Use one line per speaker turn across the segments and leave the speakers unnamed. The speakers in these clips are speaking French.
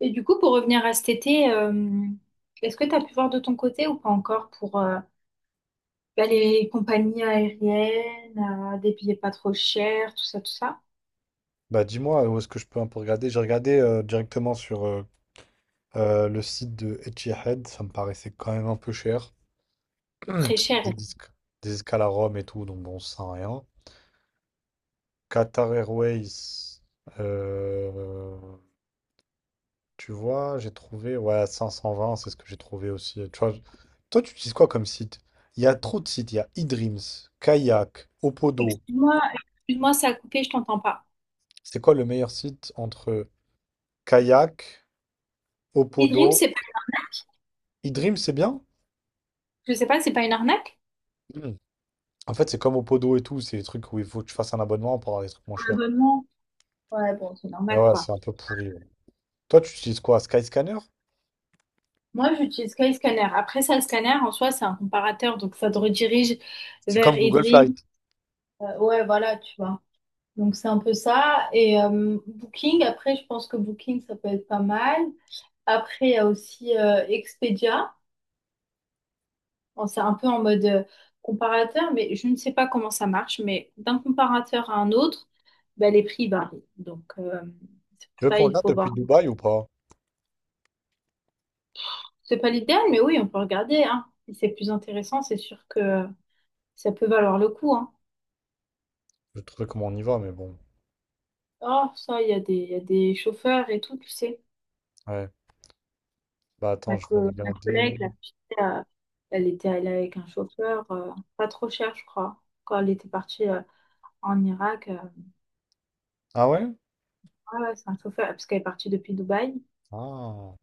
Et du coup, pour revenir à cet été, est-ce que tu as pu voir de ton côté ou pas encore pour les compagnies aériennes, des billets pas trop chers, tout ça, tout ça?
Bah dis-moi, où est-ce que je peux un peu regarder? J'ai regardé directement sur le site de Etihad, ça me paraissait quand même un peu cher.
C'est très
C'était
cher.
des escales à Rome et tout, donc bon, ça sert à rien. Qatar Airways, euh, tu vois, j'ai trouvé, ouais, 520, c'est ce que j'ai trouvé aussi. Tu vois, toi, tu utilises quoi comme site? Il y a trop de sites, il y a eDreams, Kayak, Opodo.
Excuse-moi, excuse-moi, ça a coupé, je t'entends pas.
C'est quoi le meilleur site entre Kayak,
Et Dream,
Opodo,
c'est pas,
eDreams, c'est bien?
je sais pas, c'est pas une arnaque?
En fait, c'est comme au Podo et tout, c'est des trucs où il faut que tu fasses un abonnement pour avoir des trucs moins
Un
chers.
abonnement. Ouais, bon, c'est
Mais
normal,
ouais,
quoi.
c'est un peu pourri. Ouais. Toi, tu utilises quoi? Skyscanner?
Moi, j'utilise Skyscanner. Après ça, le scanner, en soi, c'est un comparateur, donc ça te redirige
C'est
vers
comme Google Flight.
eDream. Ouais, voilà, tu vois. Donc c'est un peu ça. Et Booking, après, je pense que Booking, ça peut être pas mal. Après, il y a aussi Expedia. Bon, c'est un peu en mode comparateur, mais je ne sais pas comment ça marche. Mais d'un comparateur à un autre, ben, les prix varient. Donc c'est pour
Tu veux
ça
qu'on
il
regarde
faut
depuis
voir.
Dubaï ou pas?
C'est pas l'idéal, mais oui, on peut regarder, hein. Si c'est plus intéressant, c'est sûr que ça peut valoir le coup, hein.
Je vais te trouver comment on y va, mais bon.
Oh, ça, il y a des, il y a des chauffeurs et tout, tu sais.
Ouais. Bah
Ma,
attends, je vais
ma
regarder.
collègue, la fille, euh, elle était allée avec un chauffeur, pas trop cher, je crois, quand elle était partie en Irak.
Ah ouais?
Ouais, ouais, c'est un chauffeur, parce qu'elle est partie depuis Dubaï.
Ah.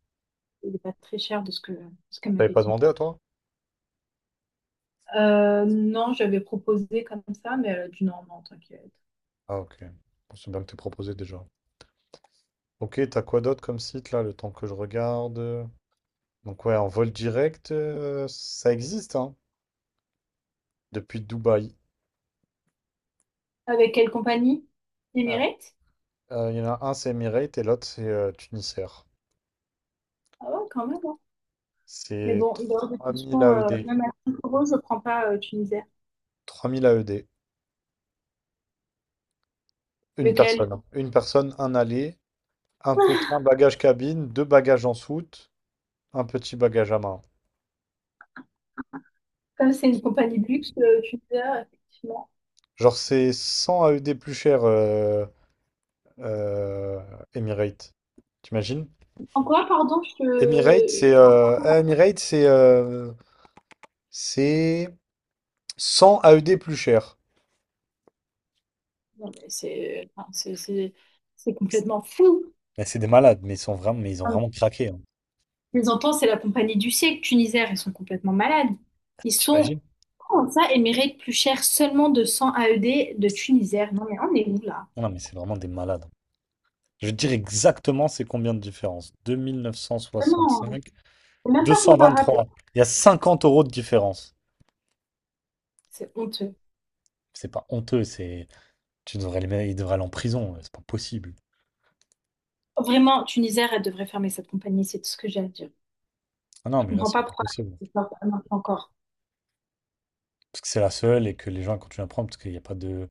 Il n'est pas très cher de ce que, ce qu'elle
T'avais
m'avait
pas
dit.
demandé à toi?
Non, j'avais proposé comme ça, mais elle a dit non, non, t'inquiète.
Ah ok. Bon, c'est bien que t'aies proposé déjà. Ok, t'as quoi d'autre comme site là, le temps que je regarde? Donc ouais, en vol direct, ça existe, hein, depuis Dubaï.
Avec quelle compagnie?
Ah.
Emirates?
Il y en a un, c'est Emirates, et l'autre, c'est Tunisair.
Ah ouais, quand même, hein. Mais
C'est
bon, il est hors de
trois
question,
mille AED.
même à 5 euros, je prends pas Tunisair.
3000 AED. Une personne,
Lequel?
hein. Une personne, un aller, un petit un bagage cabine, deux bagages en soute, un petit bagage à main.
Comme c'est une compagnie de luxe, Tunisair, effectivement.
Genre, c'est 100 AED plus cher, euh, Emirates. T'imagines?
En quoi, pardon, je
Emirates, c'est
te...
euh, Emirates, c'est euh, c'est 100 AED plus cher.
Non, mais c'est enfin, c'est complètement fou.
Mais c'est des malades, mais ils sont vraiment, mais ils ont
Enfin,
vraiment craqué, hein.
les entends, c'est la compagnie du siècle, Tunisair, ils sont complètement malades. Ils sont,
T'imagines?
comment ça, Emirates plus cher seulement de 100 AED de Tunisair. Non, mais on est où là?
Non, mais c'est vraiment des malades, hein. Je vais te dire exactement c'est combien de différence.
Vraiment,
2965,
c'est même pas comparable.
223. Il y a 50 € de différence.
C'est honteux.
C'est pas honteux, c'est. Tu devrais il devrait aller en prison, ouais, c'est pas possible.
Vraiment, Tunisair, elle devrait fermer cette compagnie, c'est tout ce que j'ai à dire.
Ah non,
Je
mais là,
comprends
c'est
pas
pas
pourquoi
possible.
elle ne marche pas encore.
Parce que c'est la seule et que les gens continuent à prendre parce qu'il n'y a pas de.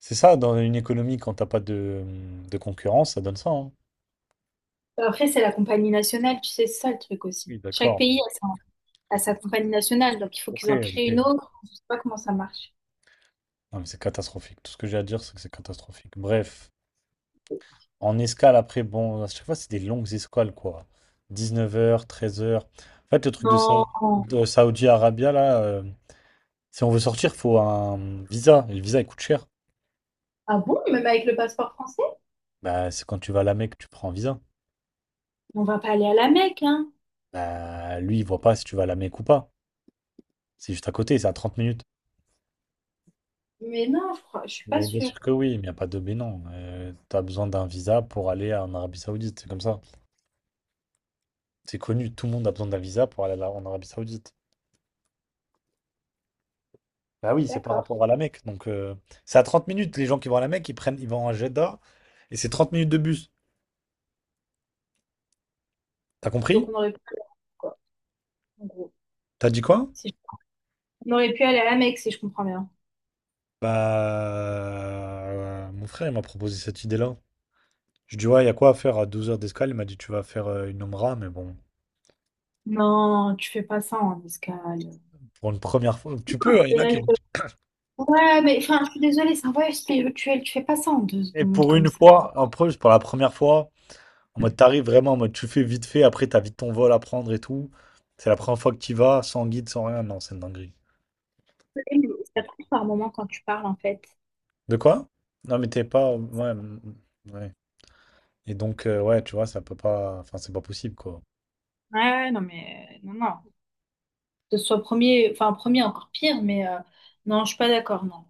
C'est ça, dans une économie, quand t'as pas de concurrence, ça donne ça, hein.
Après, c'est la compagnie nationale, tu sais, c'est ça le truc aussi.
Oui,
Chaque
d'accord.
pays a sa compagnie nationale, donc il faut
Ok,
qu'ils en créent une
ok.
autre. Je sais pas comment ça marche.
Non, mais c'est catastrophique. Tout ce que j'ai à dire, c'est que c'est catastrophique. Bref. En escale, après, bon, à chaque fois, c'est des longues escales, quoi. 19 heures, 13 heures. En fait, le truc de,
Non.
de Saudi Arabia, là, si on veut sortir, faut un visa. Et le visa, il coûte cher.
Ah bon, même avec le passeport français?
Bah, c'est quand tu vas à la Mecque, tu prends un visa.
On va pas aller à la Mecque, hein?
Bah, lui, il voit pas si tu vas à la Mecque ou pas. C'est juste à côté, c'est à 30 minutes.
Mais non, je crois, je suis pas
Mais bien
sûre.
sûr que oui, mais il n'y a pas de mais non. T'as besoin d'un visa pour aller en Arabie Saoudite, c'est comme ça. C'est connu, tout le monde a besoin d'un visa pour aller en Arabie Saoudite. Bah oui, c'est par
D'accord.
rapport à la Mecque. Donc, c'est à 30 minutes. Les gens qui vont à la Mecque, ils prennent, ils vont à Jeddah et c'est 30 minutes de bus. T'as
Donc
compris?
on aurait pu aller à la Mecque, quoi, en gros.
T'as dit quoi?
Si je- On aurait pu aller à la Mecque, si je comprends bien.
Bah, mon frère, il m'a proposé cette idée-là. Je dis, ouais, il y a quoi à faire à 12 heures d'escale? Il m'a dit, tu vas faire une Omra, mais bon,
Non, tu fais pas ça en escale.
pour une première fois, tu peux, hein, il y en a qui.
Ouais, mais enfin, je suis désolée, c'est un voyage spirituel. Tu fais pas ça en deux
Et
secondes
pour
comme
une
ça.
fois, en plus, pour la première fois, en mode, t'arrives vraiment, en mode, tu fais vite fait, après, t'as vite ton vol à prendre et tout. C'est la première fois que tu vas, sans guide, sans rien. Non, c'est une dinguerie.
Ça coupe par moment quand tu parles, en fait.
De quoi? Non, mais t'es pas. Ouais. Mm, ouais. Et donc, ouais, tu vois, ça peut pas. Enfin, c'est pas possible, quoi.
Ouais, ouais, non, mais non, non. Que ce soit premier, enfin premier encore pire, mais non, je suis pas d'accord, non.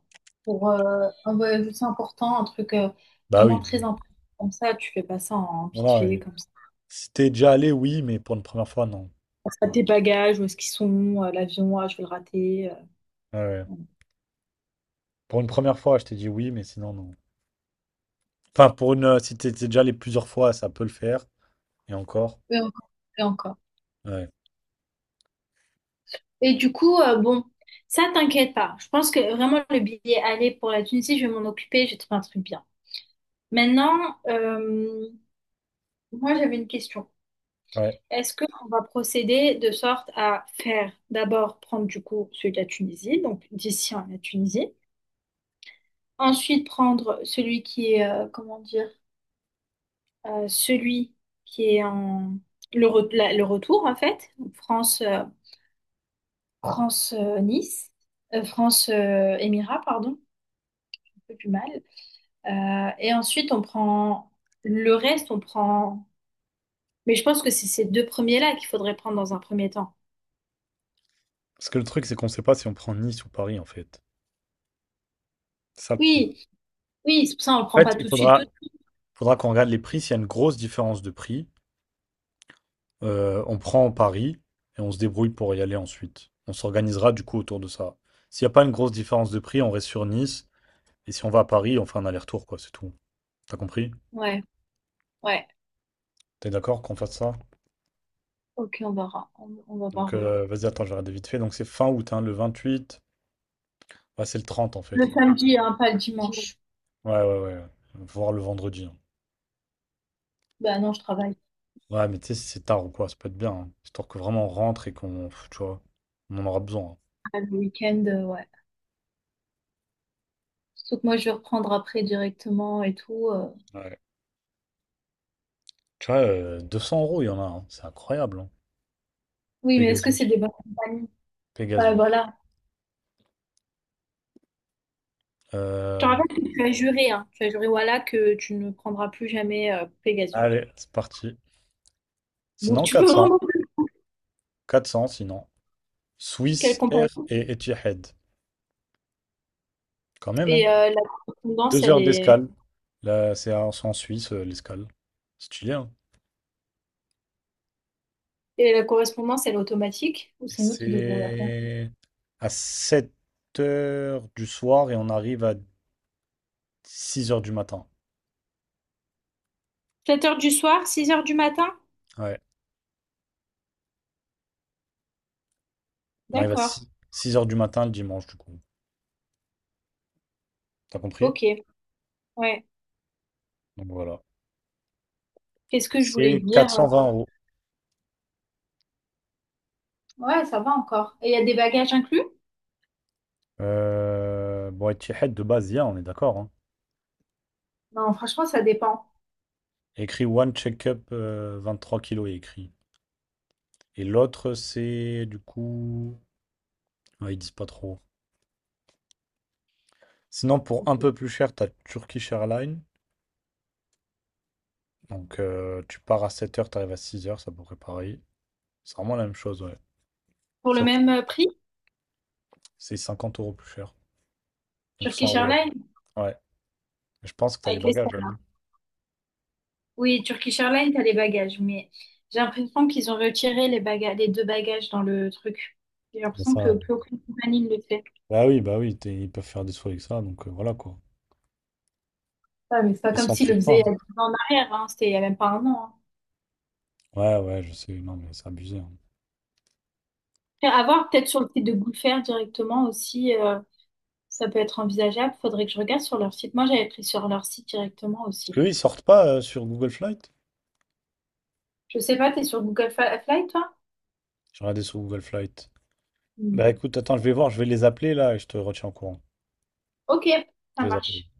Pour un voyage aussi important, un truc
Bah
vraiment
oui.
très
Oui.
important comme ça, tu fais pas ça en
Non,
vite
non,
fait, comme ça.
si t'es déjà allé, oui, mais pour une première fois, non.
Pense à tes bagages, où est-ce qu'ils sont, l'avion, ah, je vais le rater.
Ouais, ouais.
Voilà.
Pour une première fois, je t'ai dit oui, mais sinon, non. Enfin, pour une. Si t'es déjà allé plusieurs fois, ça peut le faire. Et encore.
Et encore. Et encore.
Ouais.
Et du coup, bon, ça t'inquiète pas. Je pense que vraiment le billet aller pour la Tunisie, je vais m'en occuper, j'ai trouvé un truc bien. Maintenant, euh, moi j'avais une question.
Ouais.
Est-ce qu'on va procéder de sorte à faire d'abord prendre du coup celui de la Tunisie, donc d'ici à la Tunisie, ensuite prendre celui qui est, comment dire, celui qui est en le retour en fait, donc France, France Nice, France Émirat, pardon, un peu plus mal, et ensuite on prend le reste, on prend, mais je pense que c'est ces deux premiers là qu'il faudrait prendre dans un premier temps.
Parce que le truc, c'est qu'on sait pas si on prend Nice ou Paris, en fait. C'est ça le problème.
Oui, oui, c'est pour ça on le
En
prend pas
fait,
tout
il
de suite, tout.
faudra, faudra qu'on regarde les prix. S'il y a une grosse différence de prix, on prend Paris et on se débrouille pour y aller ensuite. On s'organisera, du coup, autour de ça. S'il n'y a pas une grosse différence de prix, on reste sur Nice. Et si on va à Paris, on fait un aller-retour, quoi, c'est tout. T'as compris?
Ouais. Ouais,
T'es d'accord qu'on fasse ça?
ok, on verra. On va
Donc,
voir, ouais.
vas-y, attends, je vais regarder vite fait. Donc, c'est fin août, hein, le 28. Ouais, c'est le 30, en fait.
Le samedi, hein, pas le dimanche.
Ouais, ouais, ouais. Ouais. Voir le vendredi, hein.
Bah non, je travaille.
Ouais, mais tu sais, si c'est tard ou quoi, ça peut être bien, hein. Histoire que vraiment on rentre et tu vois, on en aura besoin,
Ah, le week-end, ouais. Sauf que moi, je vais reprendre après directement et tout.
hein. Ouais. Tu vois, 200 euros, il y en a, hein. C'est incroyable, hein.
Oui, mais est-ce que c'est
Pegasus.
des bonnes compagnies? Ouais,
Pegasus.
voilà. Je te
Euh,
rappelle que tu as juré, hein. Tu as juré, voilà, que tu ne prendras plus jamais Pegasus.
Allez, c'est parti.
Donc
Sinon,
tu peux
400.
vraiment plus
400, sinon.
quelle
Swiss
compagnie.
Air et Etihad. Quand même, hein.
Et la correspondance,
Deux
elle
heures
est...
d'escale. Là, c'est en Suisse, l'escale. C'est chillé, hein.
Et la correspondance, elle est automatique ou
Et
c'est nous qui devons la faire?
c'est à 7 heures du soir et on arrive à 6 heures du matin.
7 heures du soir, 6 heures du matin?
Ouais. On arrive à
D'accord.
six heures du matin le dimanche, du coup. T'as compris?
Ok. Ouais.
Donc voilà.
Qu'est-ce que je voulais
C'est quatre
dire?
cent vingt euros.
Ouais, ça va encore. Et il y a des bagages inclus?
Bon, Etihad de base, il y a, on est d'accord, hein.
Non, franchement, ça dépend.
Écrit One check-up 3 kilos est écrit. Et l'autre, c'est du coup. Ouais, ils disent pas trop. Sinon, pour un peu plus cher, t'as Turkish Airlines. Donc, tu pars à 7 heures, tu arrives à 6 heures, ça pourrait pareil. C'est vraiment la même chose, ouais.
Pour le
Sauf que
même prix,
c'est 50 € plus cher. Donc 100
Turkish
euros.
Airlines
Ouais. Mais je pense que t'as les
avec les stars.
bagages, là, non?
Oui, Turkish Airlines, t'as les bagages, mais j'ai l'impression qu'ils ont retiré les bagages, les deux bagages dans le truc. J'ai
Mais
l'impression
ça,
que plus aucune compagnie ne le fait.
bah oui, ils peuvent faire des sous avec ça, donc voilà quoi.
Ouais, mais c'est pas
Ils
comme
s'en
s'ils le
privent
faisaient
pas.
il y a 10 ans en arrière, hein. C'était il y a même pas un an.
Ouais, ouais, je sais, non, mais c'est abusé, hein.
Hein. Après, à voir peut-être sur le site de Goodfair directement aussi, ça peut être envisageable. Faudrait que je regarde sur leur site. Moi, j'avais pris sur leur site directement
Parce que
aussi.
eux, ils sortent pas sur Google Flight.
Je sais pas, t'es sur Flight, toi?
J'ai regardé sur Google Flight.
Hmm.
Bah écoute, attends, je vais voir, je vais les appeler là et je te retiens au courant.
Ok,
Je
ça
vais les appeler.
marche.